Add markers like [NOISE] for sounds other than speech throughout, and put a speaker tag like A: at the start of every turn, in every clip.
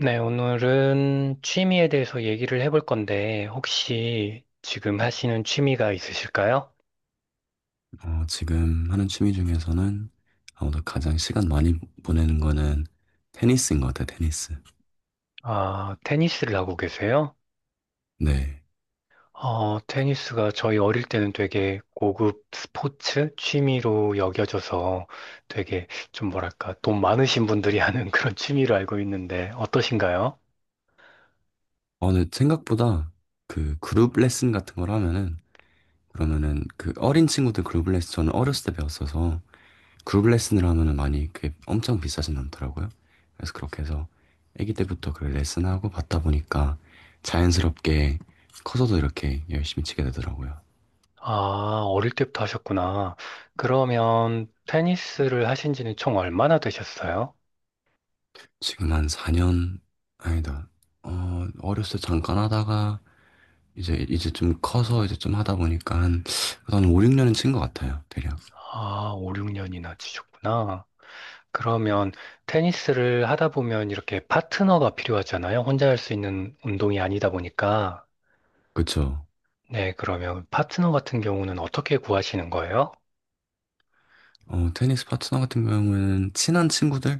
A: 네, 오늘은 취미에 대해서 얘기를 해볼 건데, 혹시 지금 하시는 취미가 있으실까요?
B: 지금 하는 취미 중에서는 아무래도 가장 시간 많이 보내는 거는 테니스인 것 같아요, 테니스.
A: 아, 테니스를 하고 계세요?
B: 네.
A: 테니스가 저희 어릴 때는 되게 고급 스포츠 취미로 여겨져서 되게 좀 뭐랄까, 돈 많으신 분들이 [LAUGHS] 하는 그런 취미로 알고 있는데, 어떠신가요?
B: 근데 생각보다 그 그룹 레슨 같은 걸 하면은, 그러면은 그 어린 친구들 그룹 레슨, 저는 어렸을 때 배웠어서 그룹 레슨을 하면은 많이 그게 엄청 비싸진 않더라고요. 그래서 그렇게 해서 아기 때부터 그 레슨하고 받다 보니까 자연스럽게 커서도 이렇게 열심히 치게 되더라고요.
A: 아, 어릴 때부터 하셨구나. 그러면 테니스를 하신 지는 총 얼마나 되셨어요?
B: 지금 한 4년, 아니다. 어렸을 때 잠깐 하다가, 이제 좀 커서 이제 좀 하다 보니까 한 5, 6년은 친 것 같아요, 대략.
A: 아, 5, 6년이나 치셨구나. 그러면 테니스를 하다 보면 이렇게 파트너가 필요하잖아요. 혼자 할 수 있는 운동이 아니다 보니까.
B: 그쵸.
A: 네, 그러면 파트너 같은 경우는 어떻게 구하시는 거예요?
B: 테니스 파트너 같은 경우는 친한 친구들?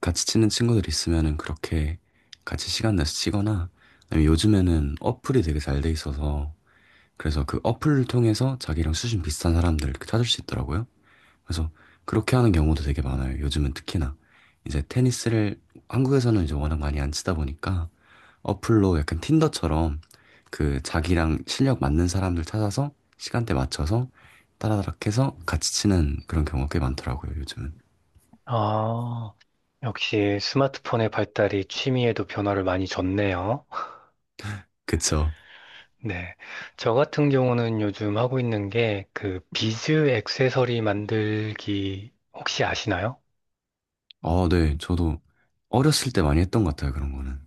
B: 같이 치는 친구들 있으면은 그렇게 같이 시간 내서 치거나, 아니면 요즘에는 어플이 되게 잘 돼 있어서, 그래서 그 어플을 통해서 자기랑 수준 비슷한 사람들 이렇게 찾을 수 있더라고요. 그래서 그렇게 하는 경우도 되게 많아요. 요즘은 특히나 이제 테니스를 한국에서는 이제 워낙 많이 안 치다 보니까 어플로 약간 틴더처럼 그 자기랑 실력 맞는 사람들 찾아서 시간대 맞춰서 따라다락 해서 같이 치는 그런 경우가 꽤 많더라고요, 요즘은.
A: 아, 역시 스마트폰의 발달이 취미에도 변화를 많이 줬네요.
B: 그쵸.
A: 네. 저 같은 경우는 요즘 하고 있는 게 그 비즈 액세서리 만들기 혹시 아시나요?
B: 아, 네. 저도 어렸을 때 많이 했던 것 같아요, 그런 거는.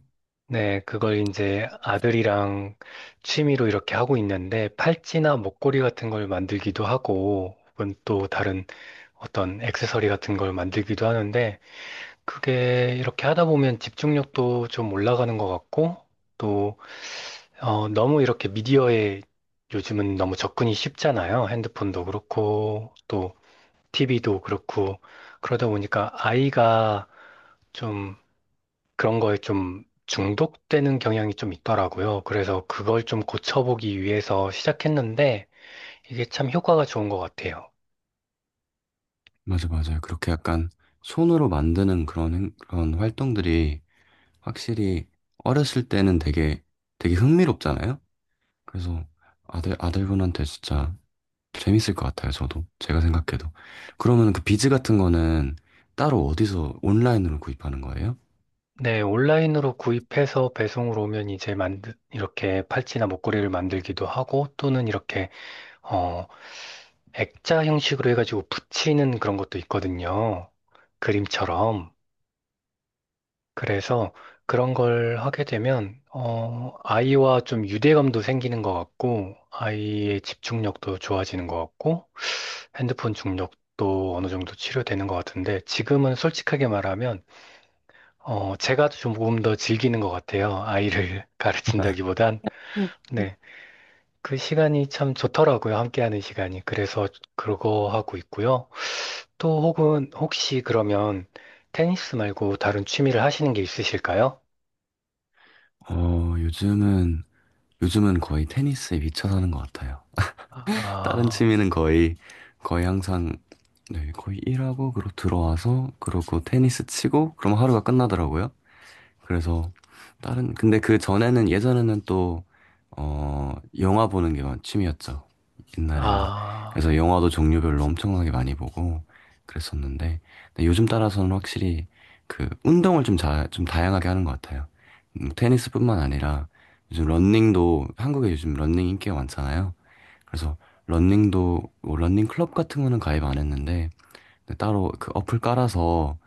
A: 네, 그걸 이제 아들이랑 취미로 이렇게 하고 있는데 팔찌나 목걸이 같은 걸 만들기도 하고 혹은 또 다른 어떤 액세서리 같은 걸 만들기도 하는데 그게 이렇게 하다 보면 집중력도 좀 올라가는 것 같고 또 너무 이렇게 미디어에 요즘은 너무 접근이 쉽잖아요. 핸드폰도 그렇고 또 TV도 그렇고 그러다 보니까 아이가 좀 그런 거에 좀 중독되는 경향이 좀 있더라고요. 그래서 그걸 좀 고쳐보기 위해서 시작했는데 이게 참 효과가 좋은 것 같아요.
B: 맞아, 맞아요. 그렇게 약간 손으로 만드는 그런, 그런 활동들이 확실히 어렸을 때는 되게, 되게 흥미롭잖아요? 그래서 아들분한테 진짜 재밌을 것 같아요, 저도. 제가 생각해도. 그러면 그 비즈 같은 거는 따로 어디서 온라인으로 구입하는 거예요?
A: 네, 온라인으로 구입해서 배송으로 오면 이제 이렇게 팔찌나 목걸이를 만들기도 하고 또는 이렇게, 어, 액자 형식으로 해가지고 붙이는 그런 것도 있거든요. 그림처럼. 그래서 그런 걸 하게 되면, 아이와 좀 유대감도 생기는 것 같고, 아이의 집중력도 좋아지는 것 같고, 핸드폰 중독도 어느 정도 치료되는 것 같은데 지금은 솔직하게 말하면 제가 조금 더 즐기는 것 같아요. 아이를 [LAUGHS] 가르친다기보단.
B: 음.
A: 네. 그 시간이 참 좋더라고요. 함께하는 시간이. 그래서 그거 하고 있고요. 또 혹은 혹시 그러면 테니스 말고 다른 취미를 하시는 게 있으실까요?
B: 어, 요즘은, 요즘은 거의 테니스에 미쳐 사는 것 같아요. 다른
A: 아,
B: 취미는 거의 항상, 네, 거의 일하고, 그리고 들어와서, 그러고 테니스 치고, 그럼 하루가 끝나더라고요. 그래서 다른 근데 그 전에는 예전에는 또 영화 보는 게 취미였죠. 옛날에는.
A: 아,
B: 그래서 영화도 종류별로 엄청나게 많이 보고 그랬었는데 근데 요즘 따라서는 확실히 그 운동을 좀 좀 다양하게 하는 것 같아요. 테니스뿐만 아니라 요즘 런닝도 한국에 요즘 런닝 인기가 많잖아요. 그래서 런닝도뭐닝 클럽 같은 거는 가입 안 했는데 근데 따로 그 어플 깔아서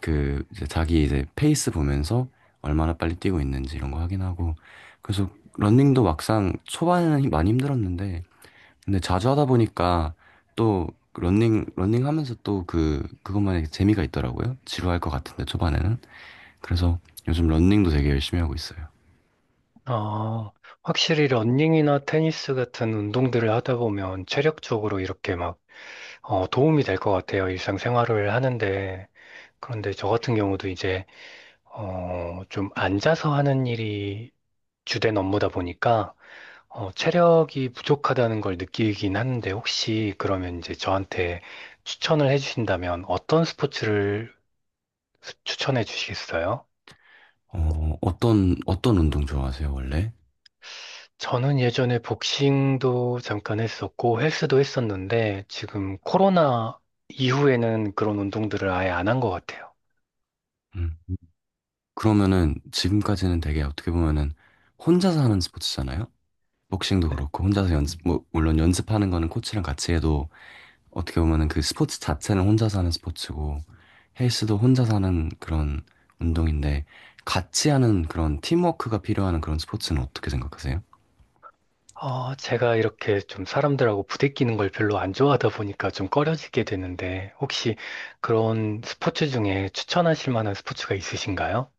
B: 그 이제 자기 이제 페이스 보면서 얼마나 빨리 뛰고 있는지 이런 거 확인하고 그래서 런닝도 막상 초반에는 많이 힘들었는데 근데 자주 하다 보니까 또 런닝 하면서 또 그 그것만의 재미가 있더라고요. 지루할 것 같은데 초반에는. 그래서 요즘 런닝도 되게 열심히 하고 있어요.
A: 어, 확실히 러닝이나 테니스 같은 운동들을 하다 보면 체력적으로 이렇게 막 도움이 될 것 같아요. 일상생활을 하는데. 그런데 저 같은 경우도 이제, 좀 앉아서 하는 일이 주된 업무다 보니까, 체력이 부족하다는 걸 느끼긴 하는데, 혹시 그러면 이제 저한테 추천을 해주신다면 어떤 스포츠를 추천해 주시겠어요?
B: 어떤 운동 좋아하세요, 원래?
A: 저는 예전에 복싱도 잠깐 했었고, 헬스도 했었는데, 지금 코로나 이후에는 그런 운동들을 아예 안 한 것 같아요.
B: 음. 그러면은 지금까지는 되게 어떻게 보면은 혼자서 하는 스포츠잖아요. 복싱도 그렇고 혼자서 연습 뭐 물론 연습하는 거는 코치랑 같이 해도 어떻게 보면은 그 스포츠 자체는 혼자서 하는 스포츠고 헬스도 혼자서 하는 그런 운동인데 같이 하는 그런 팀워크가 필요한 그런 스포츠는 어떻게 생각하세요?
A: 제가 이렇게 좀 사람들하고 부대끼는 걸 별로 안 좋아하다 보니까 좀 꺼려지게 되는데, 혹시 그런 스포츠 중에 추천하실 만한 스포츠가 있으신가요?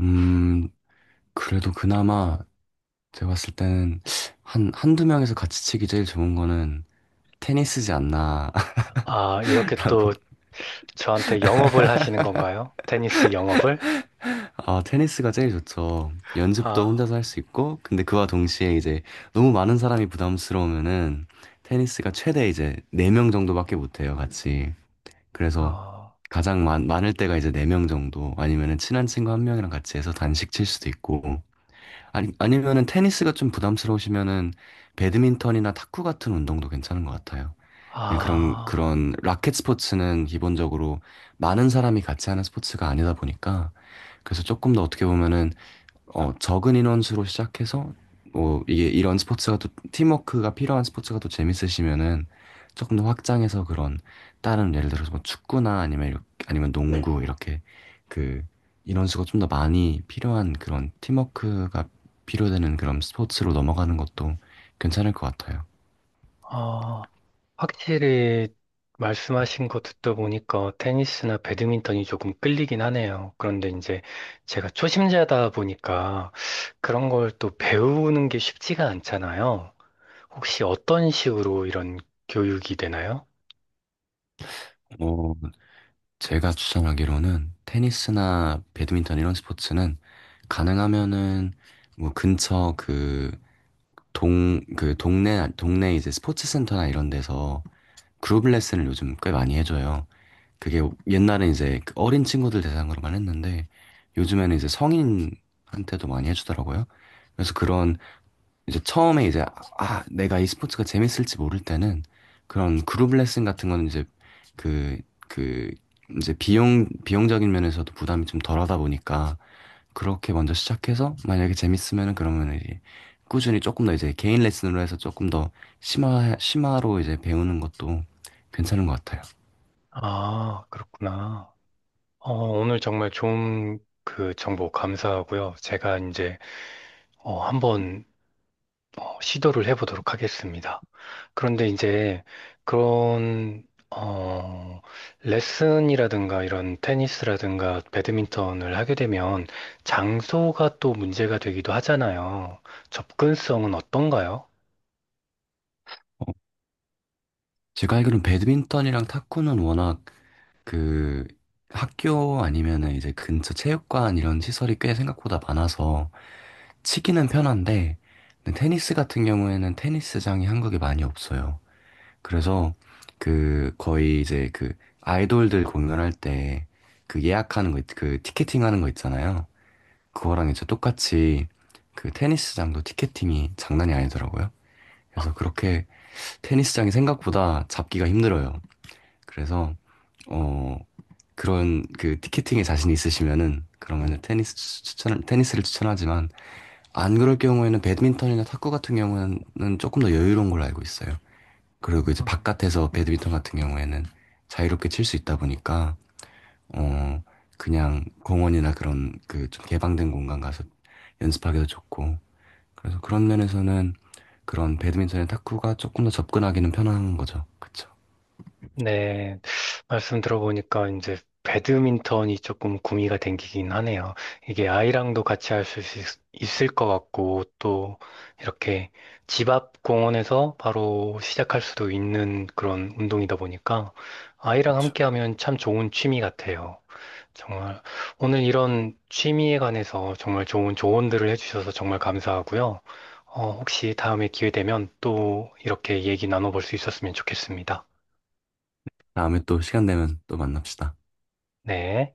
B: 음 그래도 그나마 제가 봤을 때는 한 한두 명에서 같이 치기 제일 좋은 거는 테니스지 않나라고.
A: 아, 이렇게 또 저한테 영업을 하시는 건가요? 테니스 영업을?
B: 아, 테니스가 제일 좋죠. 연습도 혼자서
A: 아,
B: 할 수 있고, 근데 그와 동시에 이제 너무 많은 사람이 부담스러우면은 테니스가 최대 이제 4명 정도밖에 못 해요, 같이. 그래서
A: 어,
B: 가장 많을 때가 이제 4명 정도, 아니면은 친한 친구 한 명이랑 같이 해서 단식 칠 수도 있고, 아니, 아니면은 테니스가 좀 부담스러우시면은 배드민턴이나 탁구 같은 운동도 괜찮은 것 같아요. 그냥 그런,
A: 아,
B: 그런 라켓 스포츠는 기본적으로 많은 사람이 같이 하는 스포츠가 아니다 보니까 그래서 조금 더 어떻게 보면은 적은 인원수로 시작해서 뭐 이게 이런 스포츠가 또 팀워크가 필요한 스포츠가 또 재밌으시면은 조금 더 확장해서 그런 다른 예를 들어서 뭐 축구나 아니면 이렇게, 아니면 네. 농구 이렇게 그 인원수가 좀 더 많이 필요한 그런 팀워크가 필요되는 그런 스포츠로 넘어가는 것도 괜찮을 것 같아요.
A: 어, 확실히 말씀하신 거 듣다 보니까 테니스나 배드민턴이 조금 끌리긴 하네요. 그런데 이제 제가 초심자다 보니까 그런 걸 또 배우는 게 쉽지가 않잖아요. 혹시 어떤 식으로 이런 교육이 되나요?
B: 어, 제가 추천하기로는 테니스나 배드민턴 이런 스포츠는 가능하면은 뭐 근처 그 동네 이제 스포츠 센터나 이런 데서 그룹 레슨을 요즘 꽤 많이 해줘요. 그게 옛날엔 이제 그 어린 친구들 대상으로만 했는데 요즘에는 이제 성인한테도 많이 해주더라고요. 그래서 그런 이제 처음에 이제 아, 내가 이 스포츠가 재밌을지 모를 때는 그런 그룹 레슨 같은 거는 이제 그, 그 이제 비용적인 면에서도 부담이 좀 덜하다 보니까 그렇게 먼저 시작해서 만약에 재밌으면은 그러면 이제 꾸준히 조금 더 이제 개인 레슨으로 해서 조금 더 심화로 이제 배우는 것도 괜찮은 것 같아요.
A: 아, 그렇구나. 어, 오늘 정말 좋은 그 정보 감사하고요. 제가 이제 한번 시도를 해보도록 하겠습니다. 그런데 이제 그런 어, 레슨이라든가 이런 테니스라든가 배드민턴을 하게 되면 장소가 또 문제가 되기도 하잖아요. 접근성은 어떤가요?
B: 어, 제가 알기로는 배드민턴이랑 탁구는 워낙 그 학교 아니면은 이제 근처 체육관 이런 시설이 꽤 생각보다 많아서 치기는 편한데 근데 테니스 같은 경우에는 테니스장이 한국에 많이 없어요. 그래서 그 거의 이제 그 아이돌들 공연할 때 그 예약하는 거, 그 티켓팅 하는 거 있잖아요. 그거랑 이제 똑같이 그 테니스장도 티켓팅이 장난이 아니더라고요. 그래서 그렇게 테니스장이 생각보다 잡기가 힘들어요. 그래서 어 그런 그 티켓팅에 자신이 있으시면은 그러면은 테니스를 추천하지만 안 그럴 경우에는 배드민턴이나 탁구 같은 경우는 조금 더 여유로운 걸로 알고 있어요. 그리고 이제
A: 어.
B: 바깥에서 배드민턴 같은 경우에는 자유롭게 칠 수 있다 보니까 어 그냥 공원이나 그런 그 좀 개방된 공간 가서 연습하기도 좋고 그래서 그런 면에서는 그런 배드민턴이나 탁구가 조금 더 접근하기는 편한 거죠. 그쵸?
A: 네, 말씀 들어보니까 이제 배드민턴이 조금 구미가 땡기긴 하네요. 이게 아이랑도 같이 할 수 있을 것 같고, 또 이렇게 집 앞 공원에서 바로 시작할 수도 있는 그런 운동이다 보니까 아이랑
B: 그쵸.
A: 함께 하면 참 좋은 취미 같아요. 정말 오늘 이런 취미에 관해서 정말 좋은 조언들을 해주셔서 정말 감사하고요. 혹시 다음에 기회 되면 또 이렇게 얘기 나눠볼 수 있었으면 좋겠습니다.
B: 다음에 또 시간 되면 또 만납시다.
A: 네.